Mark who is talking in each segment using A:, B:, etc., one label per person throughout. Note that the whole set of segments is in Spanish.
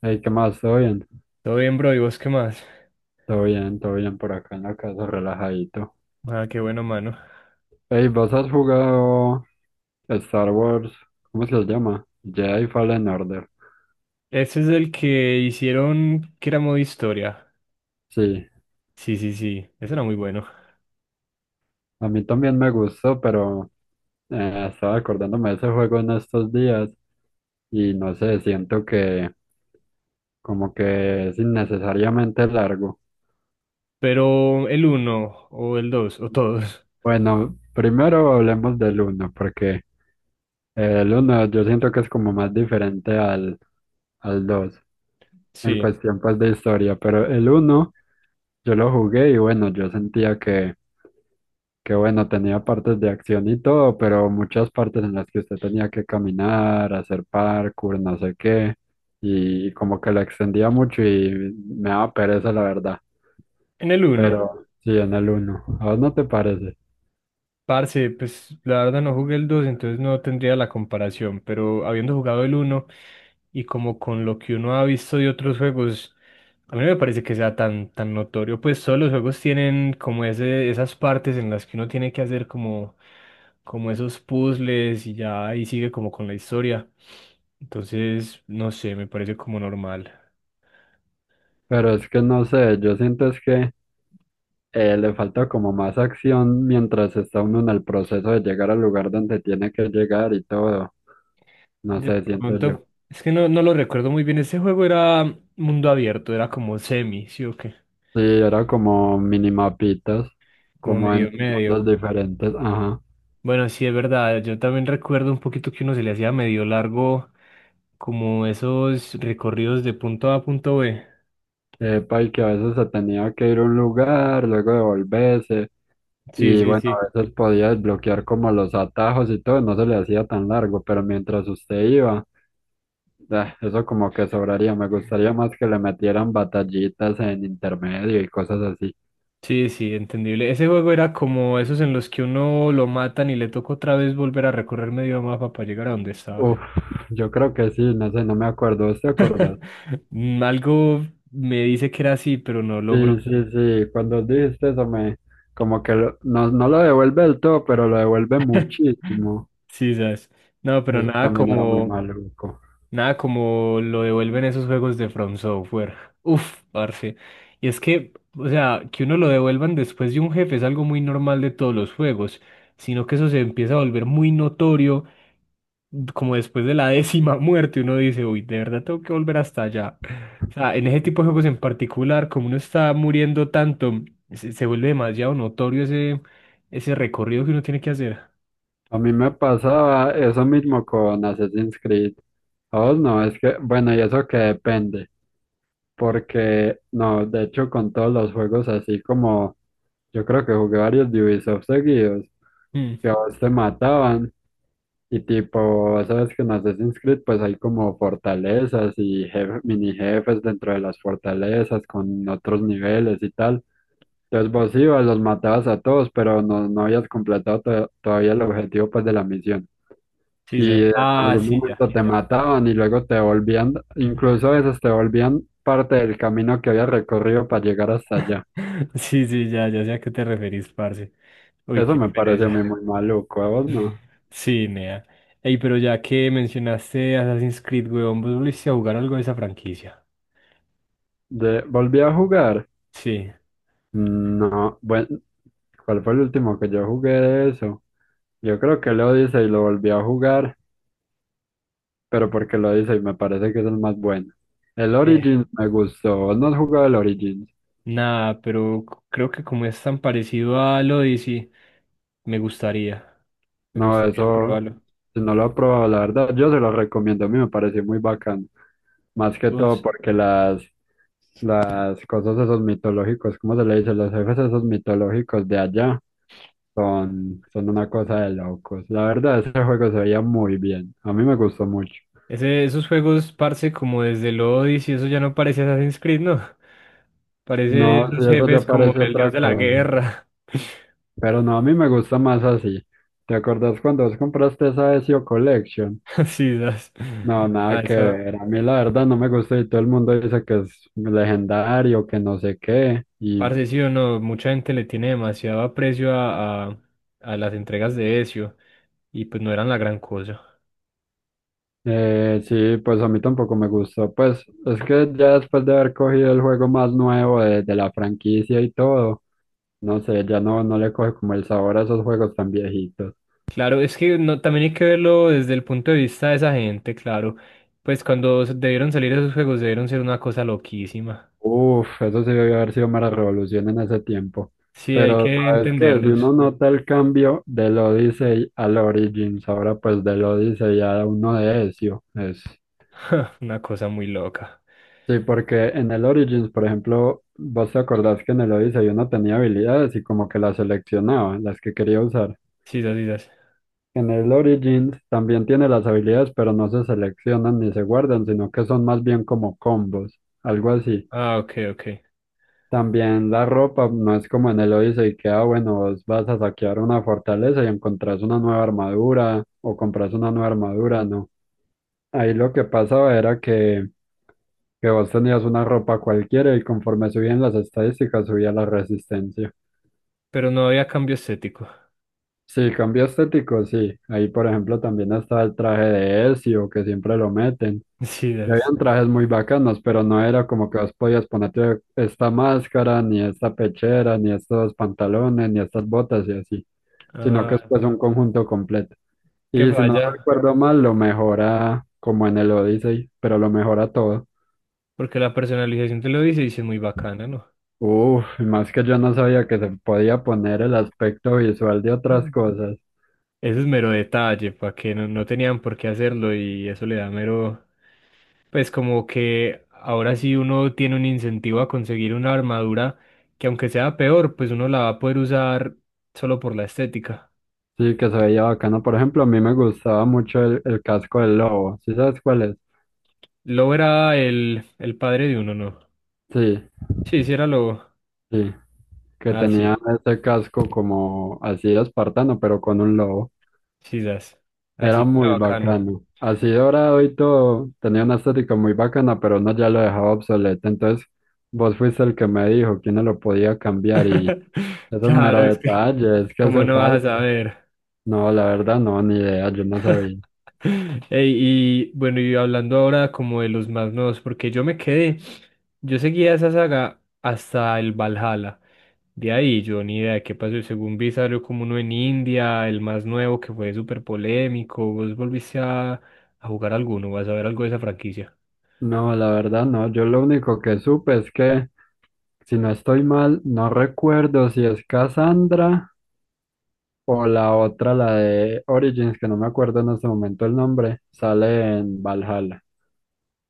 A: Ey, ¿qué más? ¿Todo bien?
B: Todo bien, bro, ¿y vos qué más?
A: Todo bien, todo bien por acá en la casa, relajadito.
B: Ah, qué bueno, mano.
A: Ey, ¿vos has jugado Star Wars? ¿Cómo se llama? Jedi Fallen Order.
B: Ese es el que hicieron que era modo historia.
A: Sí,
B: Sí, sí, sí, ese era muy bueno.
A: a mí también me gustó, pero estaba acordándome de ese juego en estos días y no sé, siento que como que es innecesariamente largo.
B: Pero el uno, o el dos, o todos.
A: Bueno, primero hablemos del uno, porque el uno yo siento que es como más diferente al 2 en
B: Sí,
A: cuestión pues de historia, pero el uno yo lo jugué y bueno, yo sentía que bueno, tenía partes de acción y todo, pero muchas partes en las que usted tenía que caminar, hacer parkour, no sé qué, y como que lo extendía mucho y me daba pereza la verdad,
B: en el uno.
A: pero sí en el uno, ¿a vos no te parece?
B: Parce, pues la verdad no jugué el 2, entonces no tendría la comparación, pero habiendo jugado el uno y como con lo que uno ha visto de otros juegos, a mí no me parece que sea tan, tan notorio, pues todos los juegos tienen como ese, esas partes en las que uno tiene que hacer como, como esos puzzles y ya ahí sigue como con la historia. Entonces, no sé, me parece como normal.
A: Pero es que no sé, yo siento es que le falta como más acción mientras está uno en el proceso de llegar al lugar donde tiene que llegar y todo. No
B: De
A: sé, siento yo.
B: pronto, es que no lo recuerdo muy bien, ese juego era mundo abierto, era como semi, ¿sí o qué?
A: Sí, era como minimapitas,
B: Como
A: como
B: medio
A: en
B: medio.
A: mundos diferentes. Ajá.
B: Bueno, sí, es verdad, yo también recuerdo un poquito que uno se le hacía medio largo como esos recorridos de punto A a punto B.
A: Epa, y que a veces se tenía que ir a un lugar, luego devolverse.
B: Sí,
A: Y
B: sí,
A: bueno,
B: sí.
A: a veces podía desbloquear como los atajos y todo, no se le hacía tan largo, pero mientras usted iba, ah, eso como que sobraría. Me gustaría más que le metieran batallitas en intermedio y cosas así.
B: Sí, sí, entendible. Ese juego era como esos en los que uno lo matan y le toca otra vez volver a recorrer medio mapa para llegar a donde estaba.
A: Uf, yo creo que sí, no sé, no me acuerdo, ¿vos te acordás?
B: Mm, algo me dice que era así, pero no
A: Sí,
B: logró.
A: sí, sí, cuando dijiste eso me, no, no lo devuelve del todo, pero lo devuelve muchísimo.
B: Sí, sabes. No, pero
A: Eso
B: nada
A: también era muy
B: como,
A: maluco.
B: nada como lo devuelven esos juegos de From Software. Uf, parce. Y es que, o sea, que uno lo devuelvan después de un jefe es algo muy normal de todos los juegos, sino que eso se empieza a volver muy notorio como después de la décima muerte, uno dice, uy, de verdad tengo que volver hasta allá. O sea, en ese tipo de juegos en particular, como uno está muriendo tanto, se vuelve demasiado notorio ese, ese recorrido que uno tiene que hacer.
A: A mí me pasaba eso mismo con Assassin's Creed. ¿A vos no? Es que, bueno, y eso que depende. Porque, no, de hecho, con todos los juegos así como yo creo que jugué varios de Ubisoft seguidos,
B: Mm,
A: que a vos te mataban. Y tipo, sabes que en Assassin's Creed pues hay como fortalezas y mini jefes dentro de las fortalezas con otros niveles y tal. Entonces vos ibas, los matabas a todos, pero no, no habías completado todavía el objetivo pues de la misión
B: sí,
A: y
B: ya.
A: en
B: Ah,
A: algún
B: sí, ya.
A: momento te mataban y luego te volvían, incluso a veces te volvían parte del camino que había recorrido para llegar hasta allá.
B: Sí, sí, ya, ya sé a qué te referís, parce. Uy,
A: Eso
B: qué
A: me parece a mí
B: pereza.
A: muy maluco, ¿a vos no?
B: Sí, nea. Ey, pero ya que mencionaste Assassin's Creed, weón, ¿vos volviste a jugar algo de esa franquicia?
A: De, volví a jugar.
B: Sí.
A: No, bueno, ¿cuál fue el último que yo jugué de eso? Yo creo que el Odyssey lo volví a jugar, pero porque el Odyssey me parece que es el más bueno. El Origins me gustó. ¿Vos no has jugado el Origins?
B: Nada, pero creo que como es tan parecido al Odyssey, me gustaría. Me
A: No,
B: gustaría
A: eso,
B: probarlo.
A: si no lo he probado, la verdad, yo se lo recomiendo. A mí me pareció muy bacán. Más que todo
B: Vos,
A: porque las cosas esos mitológicos, ¿cómo se le dice? Los jefes esos mitológicos de allá son, son una cosa de locos. La verdad, ese juego se veía muy bien. A mí me gustó mucho.
B: ese, esos juegos, parce, como desde el Odyssey, eso ya no parece Assassin's Creed, ¿no? Parece
A: No, si
B: esos
A: eso ya
B: jefes como
A: parece
B: el dios
A: otra
B: de la
A: cosa.
B: guerra.
A: Pero no, a mí me gusta más así. ¿Te acordás cuando vos compraste esa SEO Collection?
B: Así, das.
A: No,
B: A
A: nada que
B: esa,
A: ver. A mí la verdad no me gusta y todo el mundo dice que es legendario, que no sé qué. Y
B: parce, sí o no, mucha gente le tiene demasiado aprecio a las entregas de Ezio, y pues no eran la gran cosa.
A: Sí, pues a mí tampoco me gustó. Pues es que ya después de haber cogido el juego más nuevo de la franquicia y todo, no sé, ya no, no le coge como el sabor a esos juegos tan viejitos.
B: Claro, es que no, también hay que verlo desde el punto de vista de esa gente, claro. Pues cuando debieron salir esos juegos debieron ser una cosa loquísima.
A: Uf, eso sí debió haber sido mera revolución en ese tiempo.
B: Sí, hay
A: Pero
B: que
A: sabes que si
B: entenderlos.
A: uno nota el cambio del Odyssey al Origins, ahora pues del Odyssey a uno de Ezio, es...
B: Una cosa muy loca.
A: Sí, porque en el Origins, por ejemplo, vos te acordás que en el Odyssey uno tenía habilidades y como que las seleccionaba, las que quería usar.
B: Sí, sí, sí. Sí.
A: En el Origins también tiene las habilidades, pero no se seleccionan ni se guardan, sino que son más bien como combos, algo así.
B: Ah, ok, ok.
A: También la ropa no es como en el Odyssey que, ah, bueno, vos vas a saquear una fortaleza y encontrás una nueva armadura o compras una nueva armadura, no. Ahí lo que pasaba era que vos tenías una ropa cualquiera y conforme subían las estadísticas subía la resistencia.
B: Pero no había cambio estético.
A: Sí, cambio estético, sí. Ahí, por ejemplo, también está el traje de Ezio, que siempre lo meten.
B: Sí,
A: Y
B: das.
A: habían trajes muy bacanos, pero no era como que vos podías ponerte esta máscara, ni esta pechera, ni estos pantalones, ni estas botas y así, sino que es
B: Ah,
A: pues un conjunto completo.
B: qué
A: Y si no
B: falla.
A: recuerdo mal, lo mejora como en el Odyssey, pero lo mejora todo.
B: Porque la personalización te lo dice y sí es muy bacana,
A: Uf, y más que yo no sabía que se podía poner el aspecto visual de otras
B: ¿no?
A: cosas.
B: Eso es mero detalle, para que no, no tenían por qué hacerlo y eso le da mero, pues como que ahora sí uno tiene un incentivo a conseguir una armadura que aunque sea peor, pues uno la va a poder usar solo por la estética.
A: Sí, que se veía bacano. Por ejemplo, a mí me gustaba mucho el casco del lobo. ¿Sí sabes cuál es?
B: Lobo era el padre de uno, ¿no?
A: Sí,
B: Sí, sí era Lobo.
A: sí, que
B: Ah,
A: tenía
B: sí,
A: ese casco como así de espartano, pero con un lobo.
B: sí, das. Así
A: Era
B: era
A: muy
B: bacano.
A: bacano. Así dorado y todo, tenía una estética muy bacana, pero no ya lo dejaba obsoleto. Entonces, vos fuiste el que me dijo quién no lo podía cambiar y esos
B: Claro,
A: meros
B: es que,
A: detalles que
B: ¿cómo
A: hace
B: no vas a
A: falta.
B: saber?
A: No, la verdad no, ni idea, yo no sabía.
B: Ey, y bueno, y hablando ahora como de los más nuevos, porque yo me quedé, yo seguía esa saga hasta el Valhalla. De ahí yo ni idea de qué pasó. Según vi, salió como uno en India, el más nuevo que fue súper polémico. ¿Vos volviste a jugar alguno? ¿Vas a ver algo de esa franquicia?
A: No, la verdad no, yo lo único que supe es que, si no estoy mal, no recuerdo si es Cassandra. O la otra, la de Origins, que no me acuerdo en este momento el nombre, sale en Valhalla.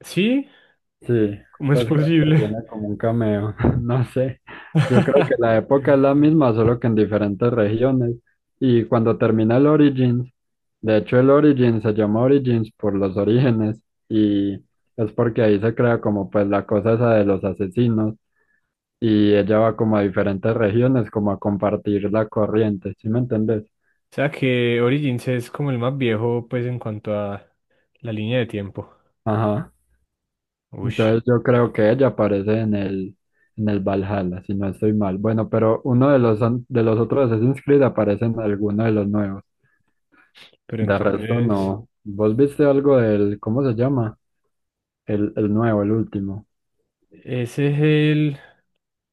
B: ¿Sí?
A: Sí,
B: ¿Cómo es
A: pues creo que
B: posible?
A: tiene como un cameo, no sé. Yo creo que la época es la misma, solo que en diferentes regiones. Y cuando termina el Origins, de hecho el Origins se llama Origins por los orígenes y es porque ahí se crea como pues la cosa esa de los asesinos y ella va como a diferentes regiones como a compartir la corriente, ¿sí me entendés?
B: O sea que Origins es como el más viejo, pues en cuanto a la línea de tiempo.
A: Ajá.
B: Uy,
A: Entonces yo creo que ella aparece en en el Valhalla, si no estoy mal. Bueno, pero uno de los, de los otros Assassin's Creed aparece en alguno de los nuevos.
B: pero
A: De resto
B: entonces.
A: no. ¿Vos viste algo del, cómo se llama? El nuevo, el último.
B: Ese es el...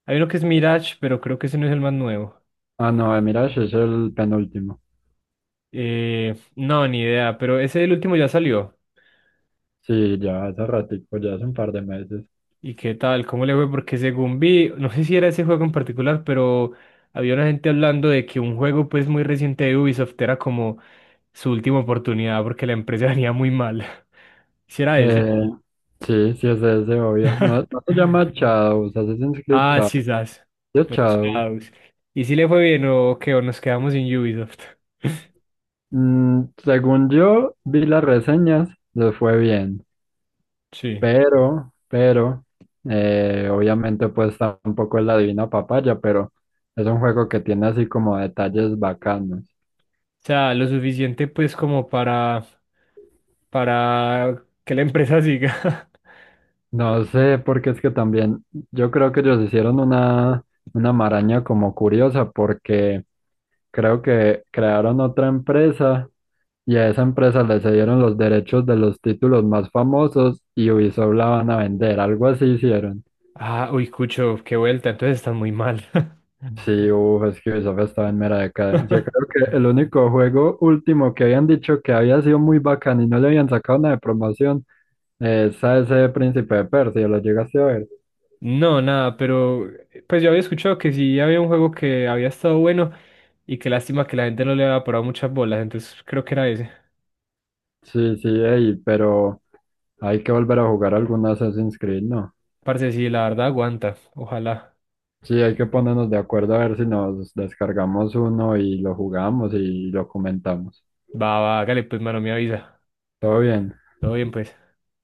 B: Hay uno que es Mirage, pero creo que ese no es el más nuevo.
A: Ah, no, el Mirage es el penúltimo.
B: No, ni idea, pero ese el último ya salió.
A: Sí, ya hace ratico, ya hace un par de meses.
B: ¿Y qué tal? ¿Cómo le fue? Porque según vi, no sé si era ese juego en particular, pero había una gente hablando de que un juego pues muy reciente de Ubisoft era como su última oportunidad porque la empresa venía muy mal. Si era ese.
A: Eh, sí, sí es ese, obvio. No, no se llama Shadows, Assassin's Creed
B: Ah,
A: Shadows.
B: sí, sas.
A: ¿Sí? Es
B: El
A: Shadows.
B: Shadows. ¿Y si le fue bien o qué? ¿O nos quedamos sin Ubisoft?
A: Mm, según yo vi las reseñas, les fue bien.
B: Sí.
A: Pero, obviamente pues tampoco es la divina papaya, pero es un juego que tiene así como detalles bacanos.
B: O sea, lo suficiente pues como para que la empresa siga.
A: No sé, porque es que también yo creo que ellos hicieron una maraña como curiosa, porque creo que crearon otra empresa y a esa empresa le cedieron los derechos de los títulos más famosos y Ubisoft la van a vender, algo así hicieron.
B: Ah, uy, Cucho, qué vuelta, entonces están muy mal.
A: Sí, uff, es que Ubisoft estaba en mera decadencia. Creo que el único juego último que habían dicho que había sido muy bacán y no le habían sacado una de promoción es a ese Príncipe de Persia, ¿lo llegaste a ver?
B: No, nada, pero pues yo había escuchado que sí había un juego que había estado bueno y qué lástima que la gente no le había parado muchas bolas, entonces creo que era ese.
A: Sí, sí, ey, pero hay que volver a jugar algún Assassin's Creed, ¿no?
B: Parce, sí, la verdad aguanta, ojalá.
A: Sí, hay que ponernos de acuerdo a ver si nos descargamos uno y lo jugamos y lo comentamos.
B: Va, va, hágale, pues, mano, me avisa.
A: Todo bien.
B: Todo bien, pues.